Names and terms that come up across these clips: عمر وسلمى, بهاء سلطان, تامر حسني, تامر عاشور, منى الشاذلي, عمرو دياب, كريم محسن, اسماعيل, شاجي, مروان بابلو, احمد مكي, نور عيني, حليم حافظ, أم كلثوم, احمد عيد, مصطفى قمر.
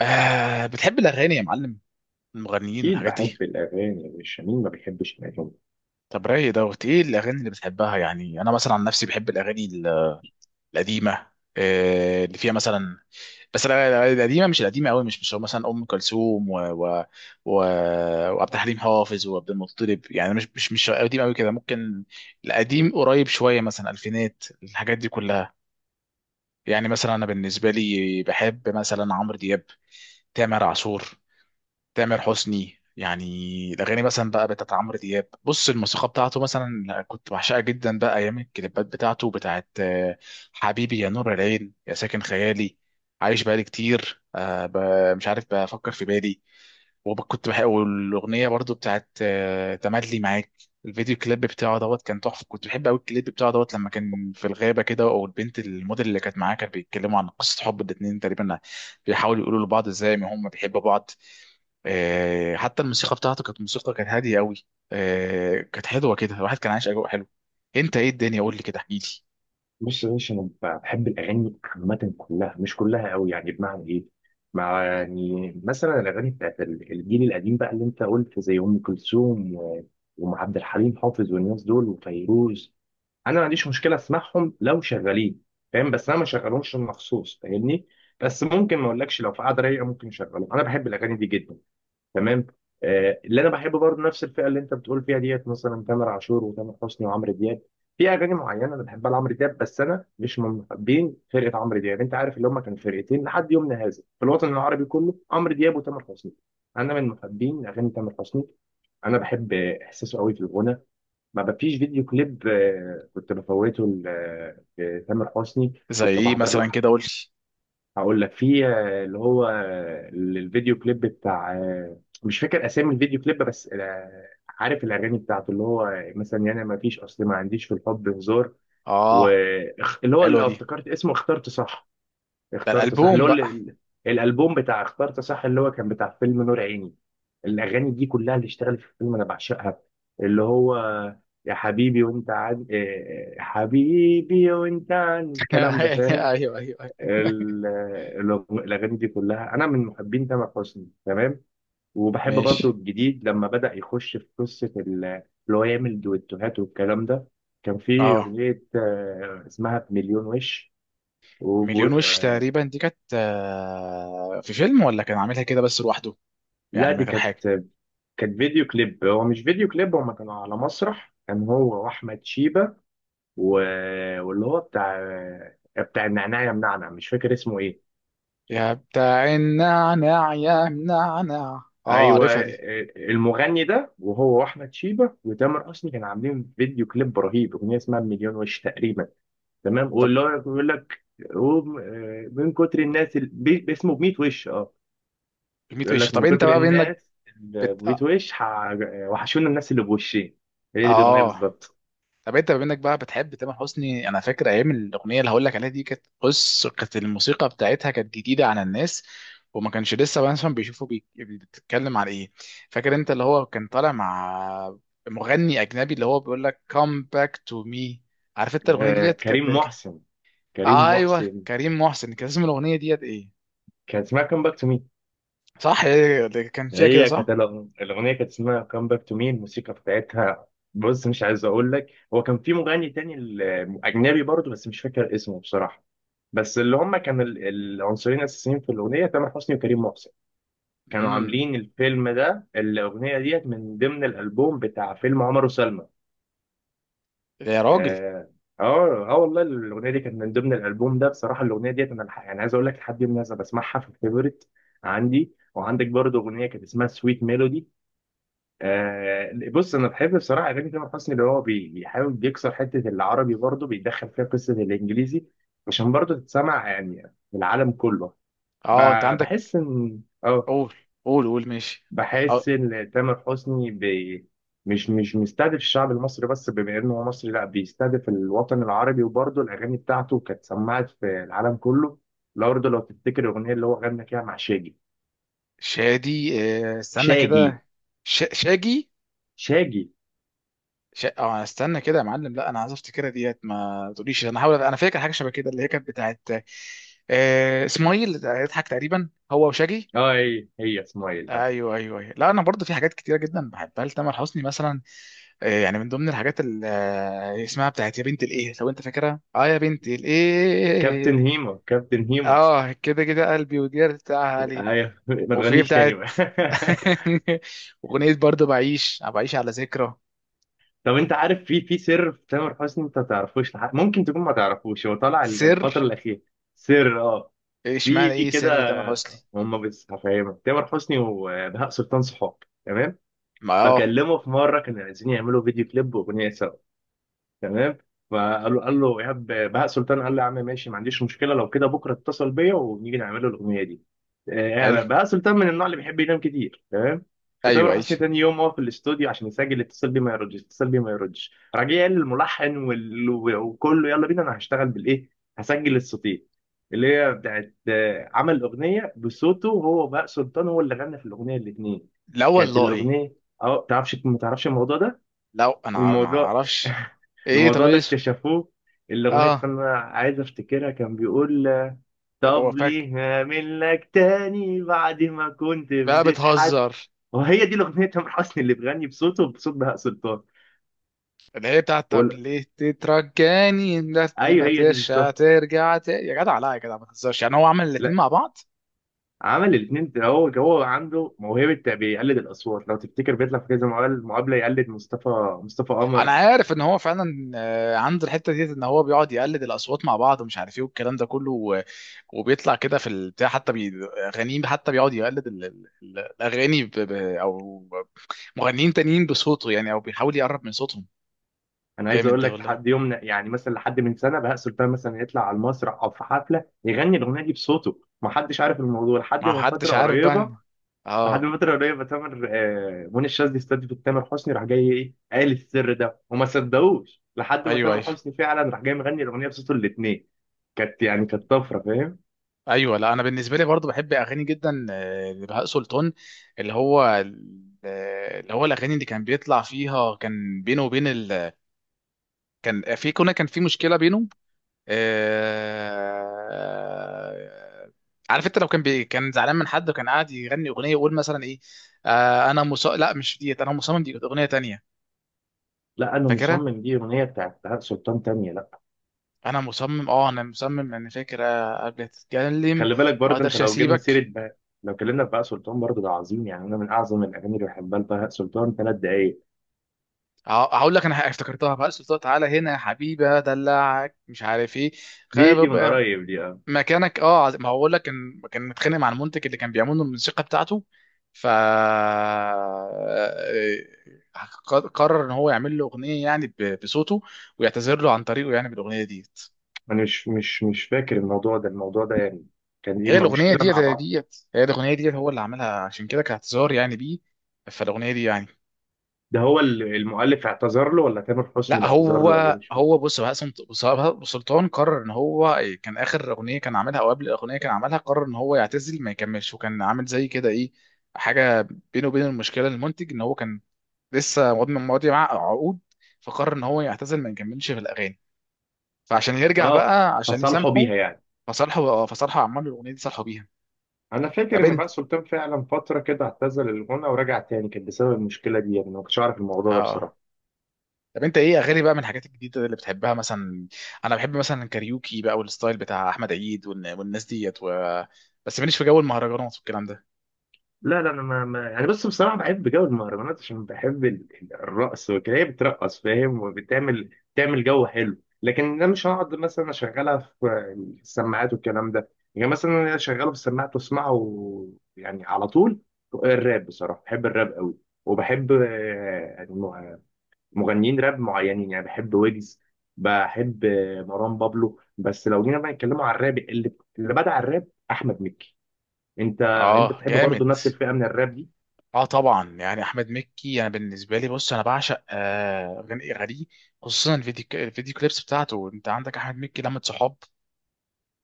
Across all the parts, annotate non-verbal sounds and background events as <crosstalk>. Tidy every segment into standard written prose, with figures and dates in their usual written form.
آه، بتحب الأغاني يا معلم؟ المغنيين أكيد والحاجات دي. بحب الأغاني يا باشا، مين ما بيحبش الأغاني؟ طب رايق دوت، إيه الأغاني اللي بتحبها؟ يعني أنا مثلا عن نفسي بحب الأغاني القديمة. آه، اللي فيها مثلا، بس الأغاني القديمة، مش القديمة أوي، مش مثلا أم كلثوم و... وعبد الحليم حافظ وعبد المطلب، يعني مش قديم أوي كده. ممكن القديم قريب شوية، مثلا ألفينات، الحاجات دي كلها. يعني مثلا أنا بالنسبة لي بحب مثلا عمرو دياب، تامر عاشور، تامر حسني يعني. الاغاني مثلا بقى بتاعت عمرو دياب، بص الموسيقى بتاعته مثلا كنت بعشقها جدا، بقى ايام الكليبات بتاعته، بتاعت حبيبي يا نور العين، يا ساكن خيالي، عايش بقالي كتير، مش عارف، بفكر في بالي. وكنت بحب والاغنيه برضو بتاعت تملي معاك. الفيديو كليب بتاعه دوت كان تحفه، كنت بحب قوي الكليب بتاعه دوت لما كان في الغابه كده، والبنت الموديل اللي كانت معاه، كانت بيتكلموا عن قصه حب الاتنين تقريبا، بيحاولوا يقولوا لبعض ازاي ما هم بيحبوا بعض. حتى الموسيقى بتاعته كانت موسيقى كانت هاديه قوي. كانت حلوه كده، الواحد كان عايش اجواء حلو. انت ايه الدنيا؟ قول لي كده، احكي لي. بص يا باشا، أنا بحب الأغاني عامة، كلها مش كلها أوي، يعني بمعنى إيه؟ مع يعني مثلا الأغاني بتاعت الجيل القديم بقى اللي أنت قلت، زي أم كلثوم وأم عبد الحليم حافظ والناس دول وفيروز. أنا ما عنديش مشكلة أسمعهم لو شغالين، فاهم؟ بس أنا ما شغلهمش مخصوص، فاهمني؟ بس ممكن ما أقولكش، لو في قعدة رايقة ممكن أشغلهم، أنا بحب الأغاني دي جدا. تمام. آه، اللي انا بحب برضه نفس الفئه اللي انت بتقول فيها ديت، مثلا تامر عاشور وتامر حسني وعمرو دياب. في اغاني معينه انا بحبها لعمرو دياب، بس انا مش من محبين فرقه عمرو دياب. انت عارف، اللي هم كانوا فرقتين لحد يومنا هذا في الوطن العربي كله، عمرو دياب وتامر حسني. انا من محبين اغاني تامر حسني. انا بحب احساسه قوي في الغنى. ما فيش فيديو كليب كنت بفوته لتامر حسني. زي كنت ايه بحضر له. مثلا كده، قول لي. هقول لك، في اللي هو الفيديو كليب بتاع مش فاكر اسامي الفيديو كليب، بس عارف الاغاني بتاعته، اللي هو مثلا يعني ما فيش اصل، ما عنديش في الحب هزار. اه، واللي هو حلوه اللي دي. افتكرت اسمه، اخترت صح. ده اخترت صح، اللي الالبوم هو بقى. الالبوم بتاع اخترت صح، اللي هو كان بتاع فيلم نور عيني. الاغاني دي كلها اللي اشتغلت في الفيلم انا بعشقها. اللي هو يا حبيبي وانت عن حبيبي وانت عن، الكلام ده <laughs> فاهم. ايوه، ايوه، ايوه. ال- الأغاني دي كلها، أنا من محبين تامر حسني، تمام. وبحب برضو ماشي. الجديد، لما بدأ يخش في قصة اللي هو يعمل دويتوهات والكلام ده. كان في اه، أغنية اسمها بمليون وش. و... مليون وش آه، تقريبا دي، كانت في فيلم ولا كان عاملها كده بس لوحده، لا يعني من دي غير كانت حاجه؟ كانت فيديو كليب. هو مش فيديو كليب، هما كانوا على مسرح، كان هو وأحمد شيبة. و... واللي هو بتاع بتاع النعناع يا منعنع، مش فاكر اسمه إيه. يا بتاع النعناع يا منعنع، اه ايوه، عارفها دي. المغني ده وهو واحمد شيبه وتامر حسني كانوا عاملين فيديو كليب رهيب، اغنيه اسمها مليون وش تقريبا. تمام. طب واللي هو بيقول لك هو من كتر الناس، اسمه ب 100 وش. اه. ميت بيقول وش. لك طب من انت كتر بقى بانك الناس، اللي ب 100 اه. وش، وحشونا الناس اللي بوشين. هي دي الاغنيه آه. بالظبط. طب انت بما انك بقى بتحب تامر حسني، انا فاكر ايام الاغنيه اللي هقول لك عليها دي، كانت بص كانت الموسيقى بتاعتها كانت جديده على الناس، وما كانش لسه مثلا بتتكلم على ايه. فاكر انت اللي هو كان طالع مع مغني اجنبي، اللي هو بيقول لك come back to me؟ عارف انت الاغنيه ديت كريم كانت محسن. كريم ايوه محسن. كريم محسن. كان اسم الاغنيه ديت ايه؟ كان اسمها كام باك تو. صح، هي اللي كان فيها كده، هي كانت صح. الأغنية، كانت اسمها كام باك تو مي. الموسيقى بتاعتها، بص مش عايز أقول لك، هو كان في مغني تاني أجنبي برضه، بس مش فاكر اسمه بصراحة. بس اللي هم كانوا العنصرين الأساسيين في الأغنية، تامر حسني وكريم محسن. كانوا امم عاملين الفيلم ده، الأغنية ديت من ضمن الألبوم بتاع فيلم عمر وسلمى. يا راجل. آه، آه، آه، والله الأغنية دي كانت من ضمن الألبوم ده. بصراحة الأغنية ديت أنا يعني عايز أقول لك، لحد الناس بسمعها في الفيفوريت عندي وعندك. برضه أغنية كانت اسمها سويت ميلودي. آه، بص انا بحب بصراحه اغاني تامر حسني، اللي هو بيحاول بيكسر حته العربي، برضه بيدخل فيها قصه الانجليزي، عشان برضه تتسمع يعني في العالم كله. ب- اه انت عندك. بحس ان اه قول قول قول. ماشي. بحس ان تامر حسني مش مستهدف الشعب المصري بس، بما انه هو مصري لا، بيستهدف الوطن العربي، وبرضه الاغاني بتاعته كانت سمعت في العالم كله. لو تفتكر الاغنيه اللي هو غنى فيها مع شاجي. شادي، استنى شاجي. كده. شاجي. شاجي. اه، استنى كده يا معلم، لا انا عايز افتكرها ديت، ما تقوليش، انا هحاول، انا فاكر حاجه شبه كده اللي هي كانت بتاعت اسماعيل يضحك تقريبا هو وشاجي. اه، هي اسمها ايه؟ ايوه، ايوه، ايوه. لا انا برضه في حاجات كتيره جدا بحبها لتامر حسني مثلا، يعني من ضمن الحاجات اللي اسمها بتاعت يا بنت الايه، لو انت فاكرها، اه يا بنت الايه، كابتن هيما. كابتن هيما. اه كده كده. قلبي وديار بتاعها علي. أيوة. <laughs> ما وفي تغنيش تاني بتاعت بقى. <laughs> <laughs> اغنيه برضه بعيش، بعيش على ذكرى. طب انت عارف، في سر في تامر حسني انت ما تعرفوش، لحد ممكن تكون ما تعرفوش. هو طالع سر؟ الفترة الأخيرة. سر، اه. ايش في معنى ايه سر كده. تامر حسني؟ هم، بس هفهمك. تامر حسني وبهاء سلطان صحاب، تمام؟ ما اه. فكلمه في مرة كانوا عايزين يعملوا فيديو كليب وأغنية سوا، تمام. فقال له قال له ايهاب بهاء سلطان، قال له يا عم ماشي، ما عنديش مشكله، لو كده بكره اتصل بيا ونيجي نعمل له الاغنيه دي. حلو. بهاء سلطان من النوع اللي بيحب ينام كتير، تمام. ايوه فتامر ايوه. حسني تاني يوم هو في الاستوديو عشان يسجل، اتصل بيه ما يردش، اتصل بيه ما يردش، راجع قال للملحن وكله يلا بينا، انا هشتغل بالايه، هسجل الصوتين. اللي هي بتاعت عمل اغنيه بصوته هو، بهاء سلطان، هو اللي غنى في الاغنيه الاثنين. لا كانت والله. الاغنيه، اه تعرفش، ما تعرفش الموضوع ده. لو انا ما الموضوع اعرفش. <laughs> ايه؟ طب الموضوع ده ايه اسمه؟ اكتشفوه. الأغنية اه. استنى عايز أفتكرها، كان بيقول طب طب وفاك ليه هعمل لك تاني بعد ما كنت بقى بتتحد، بتهزر. وهي دي الأغنية تامر حسني اللي بيغني بصوته بصوت بهاء سلطان. اللي هي بتاعت طب وال- ليه تترجاني انت، أيوه ما هي دي ترجع، بالظبط. ترجع يا جدع، لا يا جدع ما تهزرش. يعني هو عمل الاتنين مع لا، بعض؟ عمل الاثنين هو عنده موهبة بيقلد الأصوات، لو تفتكر بيطلع في كذا مقابلة يقلد مصطفى مصطفى انا قمر عارف ان هو فعلا عنده الحته ديت ان هو بيقعد يقلد الاصوات مع بعض ومش عارف ايه والكلام ده كله. وبيطلع كده في البتاع، حتى غنيم، حتى بيقعد يقلد الاغاني او مغنيين تانيين بصوته، يعني او بيحاول يقرب من صوتهم. انا عايز جامد اقول ده لك، والله. لحد يومنا يعني مثلا لحد من سنه، بهاء سلطان مثلا يطلع على المسرح او في حفله يغني الاغنيه دي بصوته، ما حدش عارف الموضوع لحد ما من حدش فتره عارف بقى قريبه. لحد اه. من فتره قريبه، تامر آه، منى الشاذلي استضيفت تامر حسني، راح جاي ايه، قال السر ده، وما صدقوش لحد ما ايوه، ايوه، تامر حسني فعلا راح جاي مغني الاغنيه بصوته الاثنين. كانت يعني كانت طفره، فاهم. ايوه. لا انا بالنسبه لي برضو بحب اغاني جدا لبهاء سلطان. اللي هو اللي هو الاغاني اللي كان بيطلع فيها كان بينه وبين كان في، كان في مشكله بينه. آه، عارف انت لو كان كان زعلان من حد وكان قاعد يغني اغنيه يقول مثلا ايه؟ لا مش ديت، انا مصمم، دي كانت اغنيه تانية. لا انا فاكرها، مصمم، دي اغنيه بتاعت بهاء سلطان تانيه، لا. انا مصمم، اه انا مصمم، انا فاكر. قبل تتكلم، خلي بالك ما برضه انت، اقدرش لو جبنا سيره اسيبك. بهاء، لو اتكلمنا في بهاء سلطان برضه ده عظيم. يعني انا من اعظم الاغاني اللي بحبها لبهاء سلطان، 3 دقايق. ه- هقول لك انا افتكرتها، بقى سلطان تعالى هنا يا حبيبي ادلعك مش عارف ايه، دي من قريب دي، اه. مكانك، اه ما هو بقول لك، كان كان متخانق مع المنتج اللي كان بيعمل له الموسيقى بتاعته، ف قرر ان هو يعمل له اغنيه، يعني بصوته، ويعتذر له عن طريقه يعني بالاغنيه ديت. انا مش فاكر الموضوع ده، الموضوع ده يعني كان دي هي الاغنيه مشكله ديت، مع هي بعض. ديت، هي الاغنيه ديت هو اللي عملها، عشان كده كاعتذار يعني بيه، فالاغنيه دي يعني. ده هو المؤلف اعتذر له، ولا تامر حسني لا اللي اعتذر هو له، ولا ايه؟ مش فاكر. هو بص، بقى سلطان قرر ان هو كان اخر اغنيه كان عاملها، او قبل الاغنيه كان عاملها قرر ان هو يعتزل ما يكملش، وكان عامل زي كده ايه، حاجه بينه وبين المشكله المنتج، ان هو كان ماضي معاه عقود، فقرر ان هو يعتزل ما يكملش في الاغاني، فعشان يرجع اه، بقى، عشان فصالحوا يسامحه، بيها يعني. فصالحه عمل الاغنيه دي صالحه بيها. انا فاكر ان بقى سلطان فعلا فتره كده اعتزل الغنى ورجع تاني، كان بسبب المشكله دي يعني، أنا ما كنتش اعرف الموضوع ده تعبان. بصراحه. طب انت ايه اغاني بقى من الحاجات الجديده اللي بتحبها مثلا؟ انا بحب مثلا الكاريوكي بقى والستايل بتاع احمد عيد والناس ديت و... بس ماليش في جو المهرجانات والكلام ده. لا، لا، انا ما يعني، بس بصراحه بحب جو المهرجانات، عشان بحب الرقص وكده، هي بترقص فاهم، وبتعمل جو حلو. لكن انا مش هقعد مثلا اشغلها في السماعات والكلام ده، يعني مثلا انا اشغله في السماعات واسمعه يعني على طول. الراب بصراحه بحب الراب قوي. وبحب يعني مغنيين راب معينين، يعني بحب ويجز، بحب مروان بابلو، بس لو جينا بقى نتكلموا عن الراب، اللي بدع الراب احمد مكي. انت انت اه بتحب برضه جامد. نفس الفئه من الراب دي؟ اه طبعا، يعني احمد مكي انا بالنسبه لي بص انا بعشق اغاني اغانيه، خصوصا الفيديو كليبس بتاعته. انت عندك احمد مكي لمة صحاب،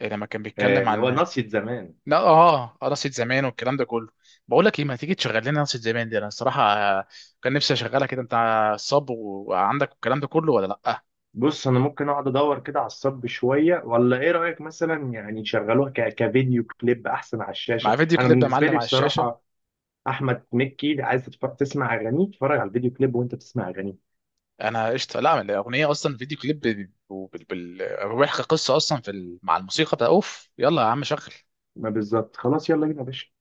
لما كان بيتكلم اللي هو عن، ناصية زمان. لا اه، قرصة زمان والكلام ده كله. بقول لك ايه، ما تيجي تشغل لنا قرصة زمان دي؟ انا الصراحه كان نفسي اشغلها كده. انت صب وعندك الكلام ده كله ولا لا؟ بص انا ممكن اقعد ادور كده على الصب شويه، ولا ايه رايك، مثلا يعني يشغلوها كفيديو كليب احسن على الشاشه. مع فيديو انا كليب يا بالنسبه معلم، لي على الشاشه. بصراحه احمد مكي عايز تسمع اغانيه اتفرج على الفيديو كليب وانت بتسمع اغانيه. انا قشطه. لا الاغنيه اصلا فيديو كليب بيحكي قصه اصلا في ال- مع الموسيقى بتاع، اوف يلا يا عم شغل ما بالظبط خلاص، يلا بينا يا باشا.